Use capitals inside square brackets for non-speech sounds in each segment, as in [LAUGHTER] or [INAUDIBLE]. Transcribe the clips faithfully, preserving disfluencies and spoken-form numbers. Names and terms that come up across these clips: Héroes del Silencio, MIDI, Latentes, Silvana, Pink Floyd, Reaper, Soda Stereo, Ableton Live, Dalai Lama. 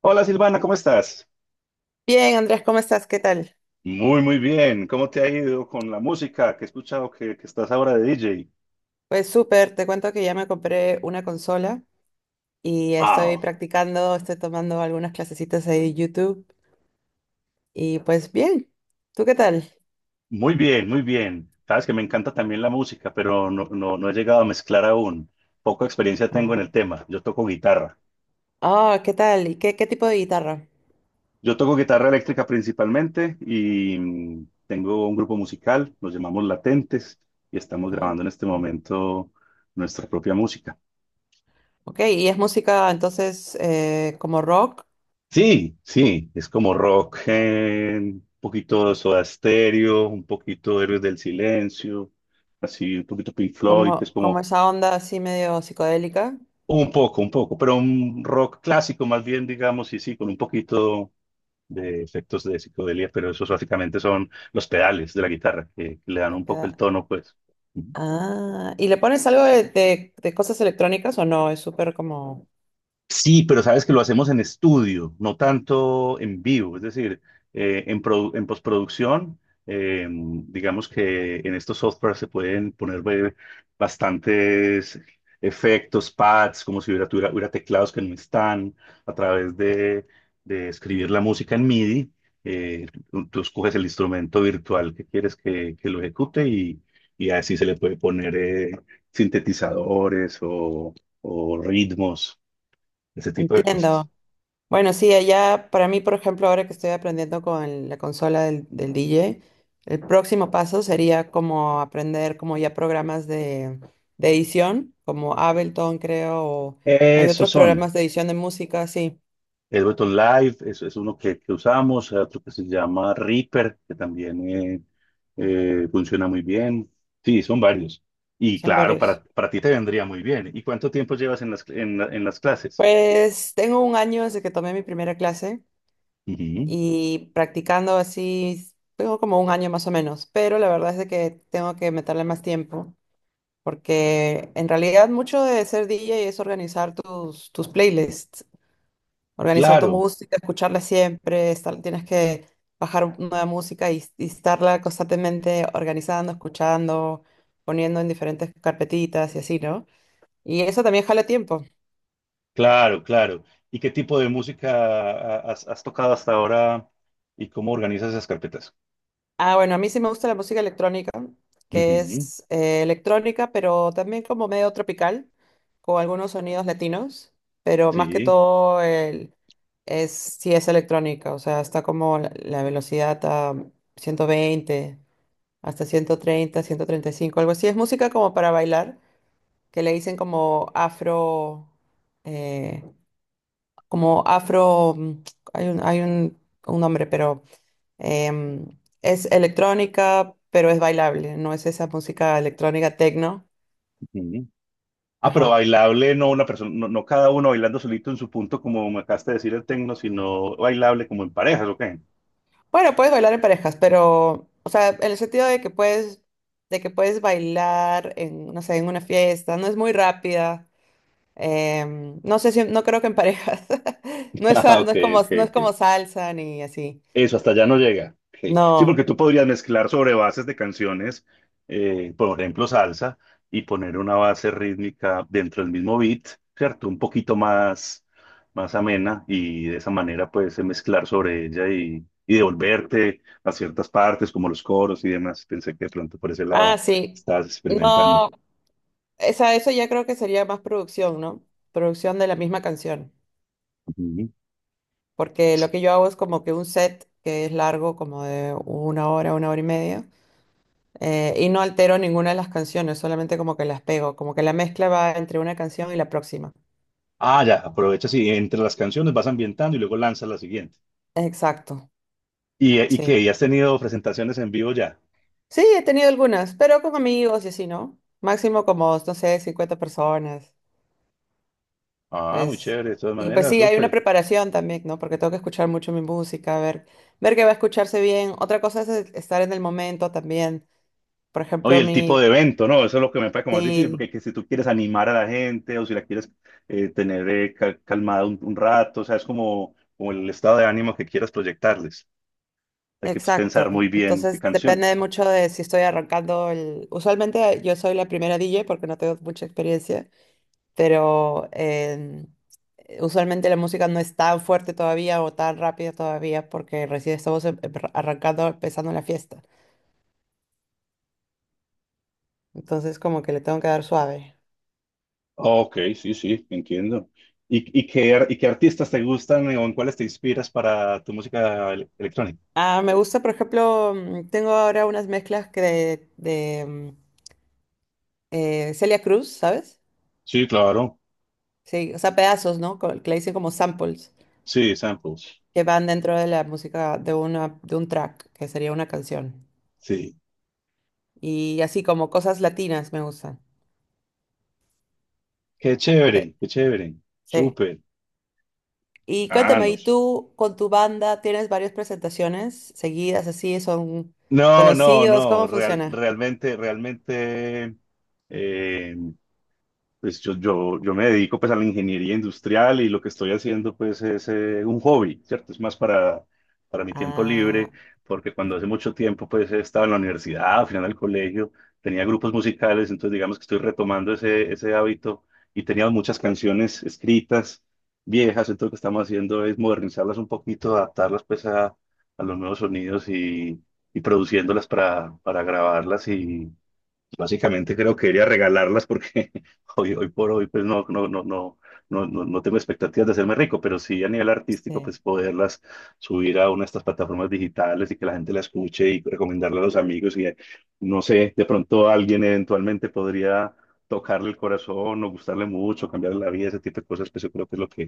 Hola Silvana, ¿cómo estás? Bien, Andrés, ¿cómo estás? ¿Qué tal? Muy, muy bien. ¿Cómo te ha ido con la música que he escuchado que, que estás ahora de D J? Pues súper, te cuento que ya me compré una consola y estoy ¡Wow! practicando, estoy tomando algunas clasecitas ahí de YouTube y pues bien, ¿tú qué tal? Muy bien, muy bien. Sabes que me encanta también la música, pero no, no, no he llegado a mezclar aún. Poca experiencia tengo en Ah, el tema. Yo toco guitarra. Ah, ¿qué tal? ¿Y qué, qué tipo de guitarra? Yo toco guitarra eléctrica principalmente y mm, tengo un grupo musical, nos llamamos Latentes y estamos Ah, grabando en este ah. momento nuestra propia música. Ok, ¿y es música entonces eh, como rock? Sí, sí, es como rock, eh, un poquito de Soda Stereo, un poquito de Héroes del Silencio, así un poquito Pink Floyd, pues ¿Como, como como esa onda así medio psicodélica? un poco, un poco, pero un rock clásico más bien, digamos, y sí, con un poquito de efectos de psicodelia, pero esos básicamente son los pedales de la guitarra, que le dan La un poco el peda- tono, pues. Ah, ¿y le pones algo de, de- de cosas electrónicas o no? Es súper como... Sí, pero sabes que lo hacemos en estudio, no tanto en vivo. Es decir, eh, en, produ- en postproducción, eh, digamos que en estos softwares se pueden poner eh, bastantes efectos, pads, como si hubiera, tuviera- hubiera teclados que no están, a través de, de escribir la música en M I D I. eh, tú, tú escoges el instrumento virtual que quieres que, que lo ejecute y, y así se le puede poner eh, sintetizadores o o ritmos, ese tipo de cosas. Entiendo. Bueno, sí, allá para mí, por ejemplo, ahora que estoy aprendiendo con la consola del, del D J, el próximo paso sería como aprender como ya programas de, de edición, como Ableton, creo, o hay Esos otros son. programas de edición de música, sí, Ableton Live es, es uno que, que usamos, hay otro que se llama Reaper, que también eh, eh, funciona muy bien. Sí, son varios. Y son claro, para, varios. para ti te vendría muy bien. ¿Y cuánto tiempo llevas en las, en la- en las clases? Pues tengo un año desde que tomé mi primera clase Ujú. y practicando así, tengo como un año más o menos, pero la verdad es de que tengo que meterle más tiempo. Porque en realidad mucho de ser D J es organizar tus, tus playlists, organizar tu Claro, música, escucharla siempre, estar- tienes que bajar nueva música y, y estarla constantemente organizando, escuchando, poniendo en diferentes carpetitas y así, ¿no? Y eso también jala tiempo. claro, claro. ¿Y qué tipo de música has, has tocado hasta ahora y cómo organizas esas carpetas? Ah, bueno, a mí sí me gusta la música electrónica, que Ujú. es eh, electrónica, pero también como medio tropical, con algunos sonidos latinos, pero más que Sí. todo el, es, sí es electrónica, o sea, está como la, la velocidad a ciento veinte hasta ciento ciento treinta, ciento treinta y cinco, algo así. Es música como para bailar, que le dicen como afro, eh, como afro, mm, hay un, hay un, un nombre, pero Em, es electrónica, pero es bailable, no es esa música electrónica techno. Ujú. Ah, pero Ajá. bailable, no una persona, no, no cada uno bailando solito en su punto, como me acabaste de decir el tecno, sino bailable como en parejas, ¿ok? Bueno, puedes bailar en parejas, pero, o sea, en el sentido de que puedes, de que puedes bailar en, no sé, en una fiesta, no es muy rápida. Em, no sé si, no creo que en parejas. [LAUGHS] No [LAUGHS] es, Ah, sa- no ok, es como, ok, no es ok. como salsa ni así. Eso hasta allá no llega. Ok. Sí, porque No. tú podrías mezclar sobre bases de canciones, eh, por ejemplo, salsa, y poner una base rítmica dentro del mismo beat, ¿cierto? Un poquito más, más amena, y de esa manera puedes mezclar sobre ella y, y devolverte a ciertas partes, como los coros y demás. Pensé que de pronto por ese Ah, lado sí. estabas experimentando. No. Esa, eso ya creo que sería más producción, ¿no? Producción de la misma canción. Ujú. Porque lo que yo hago es como que un set que es largo, como de una hora, una hora y media, eh, y no altero ninguna de las canciones, solamente como que las pego, como que la mezcla va entre una canción y la próxima. Ah, ya, aprovechas y entre las canciones vas ambientando y luego lanzas la siguiente. Exacto, ¿Y, y sí. qué? ¿Y has tenido presentaciones en vivo ya? Sí, he tenido algunas, pero con amigos y así, ¿no? Máximo como, no sé, cincuenta personas, Ah, muy pues. chévere, de todas Y pues maneras, sí, hay una súper. preparación también, ¿no? Porque tengo que escuchar mucho mi música, ver, ver que va a escucharse bien. Otra cosa es estar en el momento también. Por Oye, ejemplo, el tipo mi... de evento, ¿no? Eso es lo que me parece como más difícil, porque sí. que si tú quieres animar a la gente o si la quieres eh, tener eh, cal- calmada un, un rato, o sea, es como, como el estado de ánimo que quieras proyectarles. Hay que, pues, pensar muy Exacto. bien qué Entonces depende canciones. mucho de si estoy arrancando el... Usualmente yo soy la primera D J porque no tengo mucha experiencia, pero eh, usualmente la música no es tan fuerte todavía o tan rápida todavía porque recién estamos em- em- arrancando, empezando la fiesta. Entonces como que le tengo que dar suave. Ok, sí, sí, entiendo. ¿Y, y qué, ar- y qué artistas te gustan eh, o en cuáles te inspiras para tu música ele- electrónica? Ah, me gusta, por ejemplo, mm, tengo ahora unas mezclas que de, de, mm, eh, Celia Cruz, ¿sabes? Sí, claro. Sí, o sea, pedazos, ¿no? Co- Que le dicen como samples. Sí, samples. Que van dentro de la música de una, de un track, que sería una canción. Sí. Y así como cosas latinas me gustan. Qué De- chévere, qué chévere. sí. Súper. Y Ah, cuéntame, no. ¿y tú con tu banda tienes varias presentaciones seguidas así? ¿Son No, no, conocidos? no. ¿Cómo Real- funciona? Realmente, realmente. eh, Pues yo, yo, yo me dedico pues a la ingeniería industrial y lo que estoy haciendo pues es eh, un hobby, ¿cierto? Es más para, para mi tiempo Ah, libre, porque cuando hace mucho tiempo pues estaba en la universidad, al final del colegio, tenía grupos musicales, entonces digamos que estoy retomando ese, ese hábito y tenía muchas canciones escritas, viejas, entonces lo que estamos haciendo es modernizarlas un poquito, adaptarlas pues a, a los nuevos sonidos y, y produciéndolas para, para grabarlas. Básicamente creo que debería regalarlas porque [LAUGHS] hoy, hoy por hoy pues no, no, no, no, no, no, no tengo expectativas de hacerme rico, pero sí a nivel artístico sí, pues poderlas subir a una de estas plataformas digitales y que la gente la escuche y recomendarla a los amigos y eh, no sé, de pronto alguien eventualmente podría tocarle el corazón o gustarle mucho, cambiarle la vida, ese tipo de cosas, pues yo creo que es lo que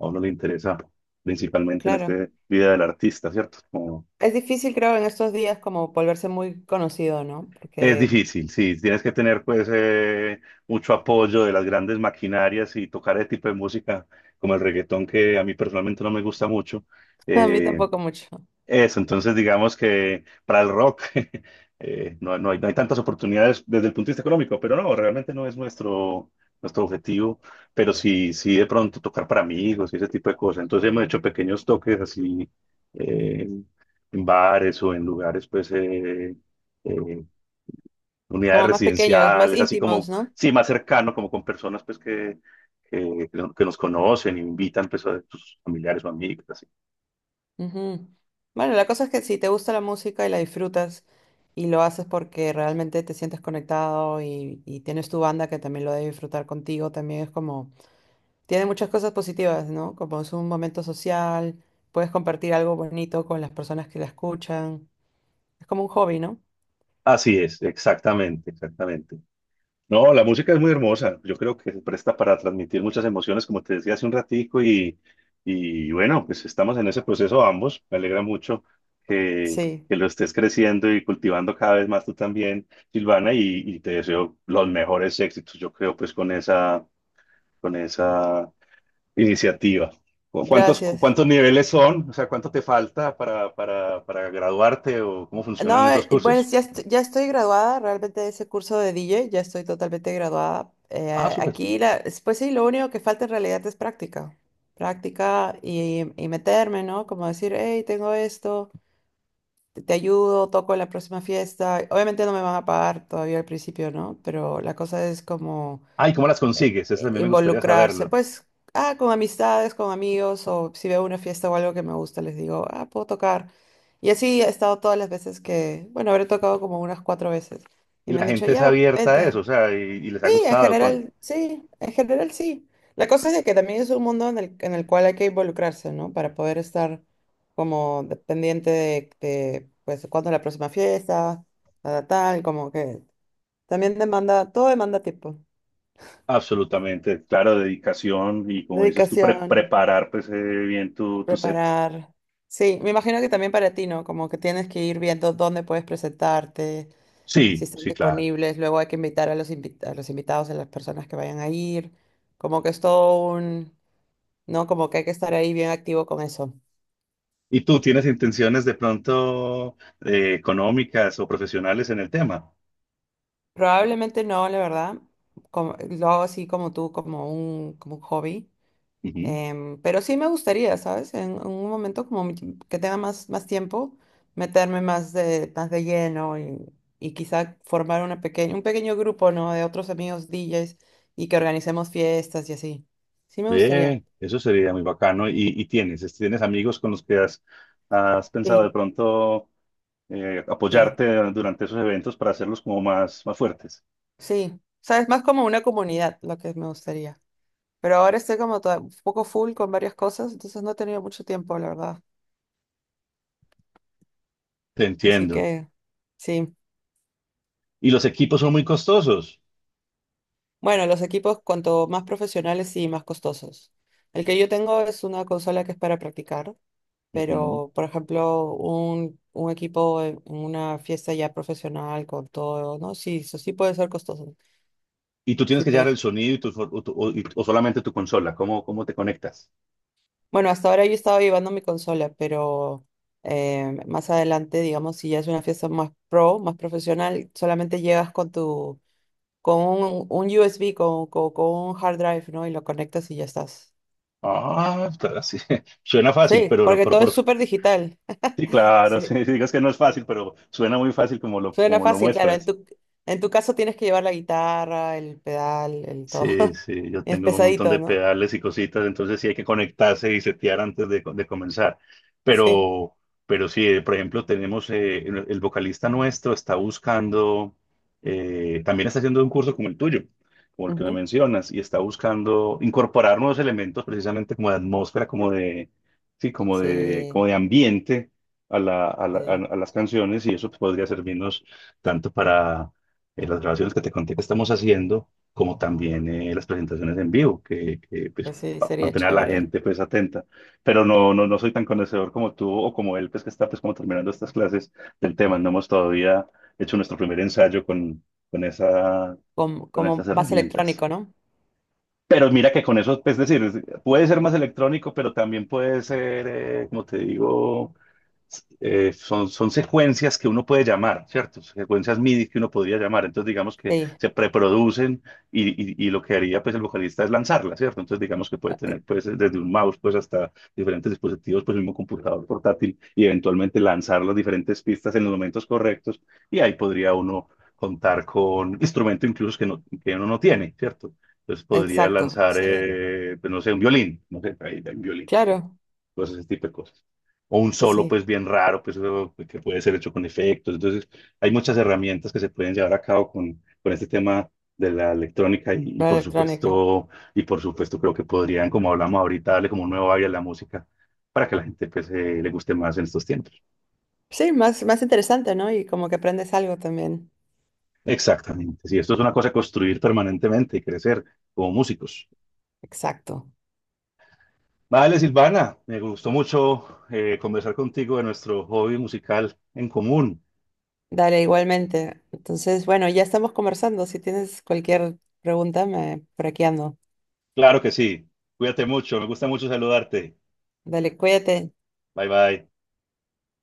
a uno le interesa principalmente en claro. esta vida del artista, ¿cierto? Como... Es difícil, creo, en estos días como volverse muy conocido, ¿no? Es Porque difícil, sí, tienes que tener pues eh, mucho apoyo de las grandes maquinarias y tocar ese tipo de música como el reggaetón, que a mí personalmente no me gusta mucho. [LAUGHS] A mí Eh, tampoco mucho. eso, entonces digamos que para el rock [LAUGHS] eh, no, no hay no hay tantas oportunidades desde el punto de vista económico, pero no, realmente no es nuestro, nuestro objetivo, pero sí, sí de pronto tocar para amigos y ese tipo de cosas. Entonces hemos hecho pequeños toques así eh, en bares o en lugares pues... eh, eh, unidades Como más pequeños, más residenciales, así íntimos, como, ¿no? sí, más cercano, como con personas pues que, que, que no- nos conocen, invitan pues a sus familiares o amigos, así. Ujú. Bueno, la cosa es que si te gusta la música y la disfrutas y lo haces porque realmente te sientes conectado y, y tienes tu banda que también lo debe disfrutar contigo, también es como, tiene muchas cosas positivas, ¿no? Como es un momento social, puedes compartir algo bonito con las personas que la escuchan. Es como un hobby, ¿no? Así es, exactamente, exactamente. No, la música es muy hermosa, yo creo que se presta para transmitir muchas emociones, como te decía hace un ratico, y, y bueno, pues estamos en ese proceso ambos, me alegra mucho que, Sí, que lo estés creciendo y cultivando cada vez más tú también, Silvana, y, y te deseo los mejores éxitos, yo creo pues con esa con esa iniciativa. ¿Cu- ¿Cuántos, gracias. cuántos niveles son? O sea, ¿cuánto te falta para, para, para graduarte o cómo funcionan No, esos eh, bueno, cursos? sí, ya, est- ya estoy graduada realmente de ese curso de D J, ya estoy totalmente graduada. Ah, Eh, súper. aquí, la, es- pues sí, lo único que falta en realidad es práctica. Práctica y, y meterme, ¿no? Como decir, hey, tengo esto, te, te ayudo, toco en la próxima fiesta. Obviamente no me van a pagar todavía al principio, ¿no? Pero la cosa es como Ah, ¿y cómo las consigues? Eso eh, también me gustaría involucrarse, saberlo. pues, ah, con amistades, con amigos, o si veo una fiesta o algo que me gusta, les digo, ah, puedo tocar. Y así he estado todas las veces que, bueno, habré tocado como unas cuatro veces. Y Y me la han dicho, gente es ya, abierta a eso, vente. o sea, y, y les ha Sí, en gustado. Con... general, sí, en general sí. La cosa es de que también es un mundo en el, en el cual hay que involucrarse, ¿no? Para poder estar como de- pendiente de, de, pues, cuándo es la próxima fiesta, tal, tal, como que también demanda, todo demanda tiempo, Absolutamente, claro, dedicación y como dices tú, pre- dedicación. preparar pues eh, bien tu, tu set. Preparar. Sí, me imagino que también para ti, ¿no? Como que tienes que ir viendo dónde puedes presentarte, si Sí, están sí, claro. disponibles, luego hay que invitar a los invit a los invitados, a las personas que vayan a ir. Como que es todo un, ¿no? Como que hay que estar ahí bien activo con eso. ¿Y tú tienes intenciones de pronto eh, económicas o profesionales en el tema? Probablemente no, la verdad. como- lo hago así como tú, como un, como un hobby. Ujú. Em, pero sí me gustaría, ¿sabes? En, en un momento como mi- que tenga más, más tiempo, meterme más de, más de lleno y, y quizá formar una pequeña, un pequeño grupo, ¿no? De otros amigos D Js y que organicemos fiestas y así. Sí me gustaría, Bien, eso sería muy bacano. ¿Y, y tienes, es- tienes amigos con los que has, has pensado de Sí. pronto eh, sí. apoyarte durante esos eventos para hacerlos como más, más fuertes? Sí, ¿sabes? Más como una comunidad lo que me gustaría. Pero ahora estoy como toda- un poco full con varias cosas, entonces no he tenido mucho tiempo, la verdad. Te Así entiendo. que sí. Y los equipos son muy costosos. Bueno, los equipos cuanto más profesionales y más costosos. El que yo tengo es una consola que es para practicar, Ujú. pero por ejemplo, un, un equipo en en una fiesta ya profesional con todo, ¿no? Sí, eso sí puede ser costoso. Y tú tienes Sí, que llevar el pues. sonido y tu, o, tu- o- y- o solamente tu consola. ¿Cómo, cómo te conectas? Bueno, hasta ahora yo estaba llevando mi consola, pero eh, más adelante, digamos, si ya es una fiesta más pro, más profesional, solamente llegas con tu, con un, un U S B, con, con, con un hard drive, ¿no? Y lo conectas y ya estás. Ah, claro, sí. [LAUGHS] Suena fácil, Sí, pero, porque pero- todo pero- es súper digital. [LAUGHS] sí, claro, [LAUGHS] sí, Sí, digas que no es fácil, pero suena muy fácil como lo, suena como lo fácil, claro. En muestras. tu, en tu caso tienes que llevar la guitarra, el pedal, el todo. Sí, [LAUGHS] sí, yo Es tengo un montón pesadito, de ¿no? pedales y cositas, entonces sí hay que conectarse y setear antes de, de comenzar. Sí. Pero, pero sí, eh, por ejemplo, tenemos eh, el el vocalista nuestro está buscando, eh, también está haciendo un curso como el tuyo, como el que me Ujú. mencionas, y está buscando incorporar nuevos elementos precisamente como de atmósfera, como de, sí, como de, como Sí, de ambiente a la- a la- sí. a- a las canciones, y eso pues, podría servirnos tanto para eh, las grabaciones que te conté que estamos haciendo como también eh, las presentaciones en vivo, que, que, pues, Pues sí, pa- sería mantener a la chévere. gente pues atenta. Pero no, no, no soy tan conocedor como tú o como él, pues que está pues como terminando estas clases del tema. No hemos todavía hecho nuestro primer ensayo con, con esa, Como, con como esas más herramientas. electrónico, ¿no? Pero mira que con eso, pues, es decir, es- puede ser más electrónico, pero también puede ser, eh, como te digo, eh, son, son secuencias que uno puede llamar, ¿cierto? Secuencias M I D I que uno podría llamar. Entonces, digamos que Sí, se preproducen y, y- y lo que haría pues el vocalista es lanzarlas, ¿cierto? Entonces, digamos que puede tener pues desde un mouse pues hasta diferentes dispositivos, pues el mismo computador portátil y eventualmente lanzar las diferentes pistas en los momentos correctos y ahí podría uno contar con instrumento incluso que, no, que uno no tiene, ¿cierto? Entonces podría exacto. lanzar, Sí, eh, pues, no sé, un violín, no sé, ahí hay un violín claro. cosas, ese tipo de cosas. O un Pues solo, sí, pues bien raro, pues eso que puede ser hecho con efectos. Entonces, hay muchas herramientas que se pueden llevar a cabo con, con este tema de la electrónica y, y la por electrónica. supuesto, y por supuesto creo que podrían, como hablamos ahorita, darle como un nuevo aire a la música para que la gente pues, eh, le guste más en estos tiempos. Sí, más, más interesante, ¿no? Y como que aprendes algo también. Exactamente, sí, esto es una cosa de construir permanentemente y crecer como músicos. Exacto. Vale, Silvana, me gustó mucho eh, conversar contigo de nuestro hobby musical en común. Dale, igualmente. Entonces, bueno, ya estamos conversando. Si tienes cualquier pregunta, me, por aquí ando. Claro que sí. Cuídate mucho. Me gusta mucho saludarte. Dale, cuídate. Bye bye.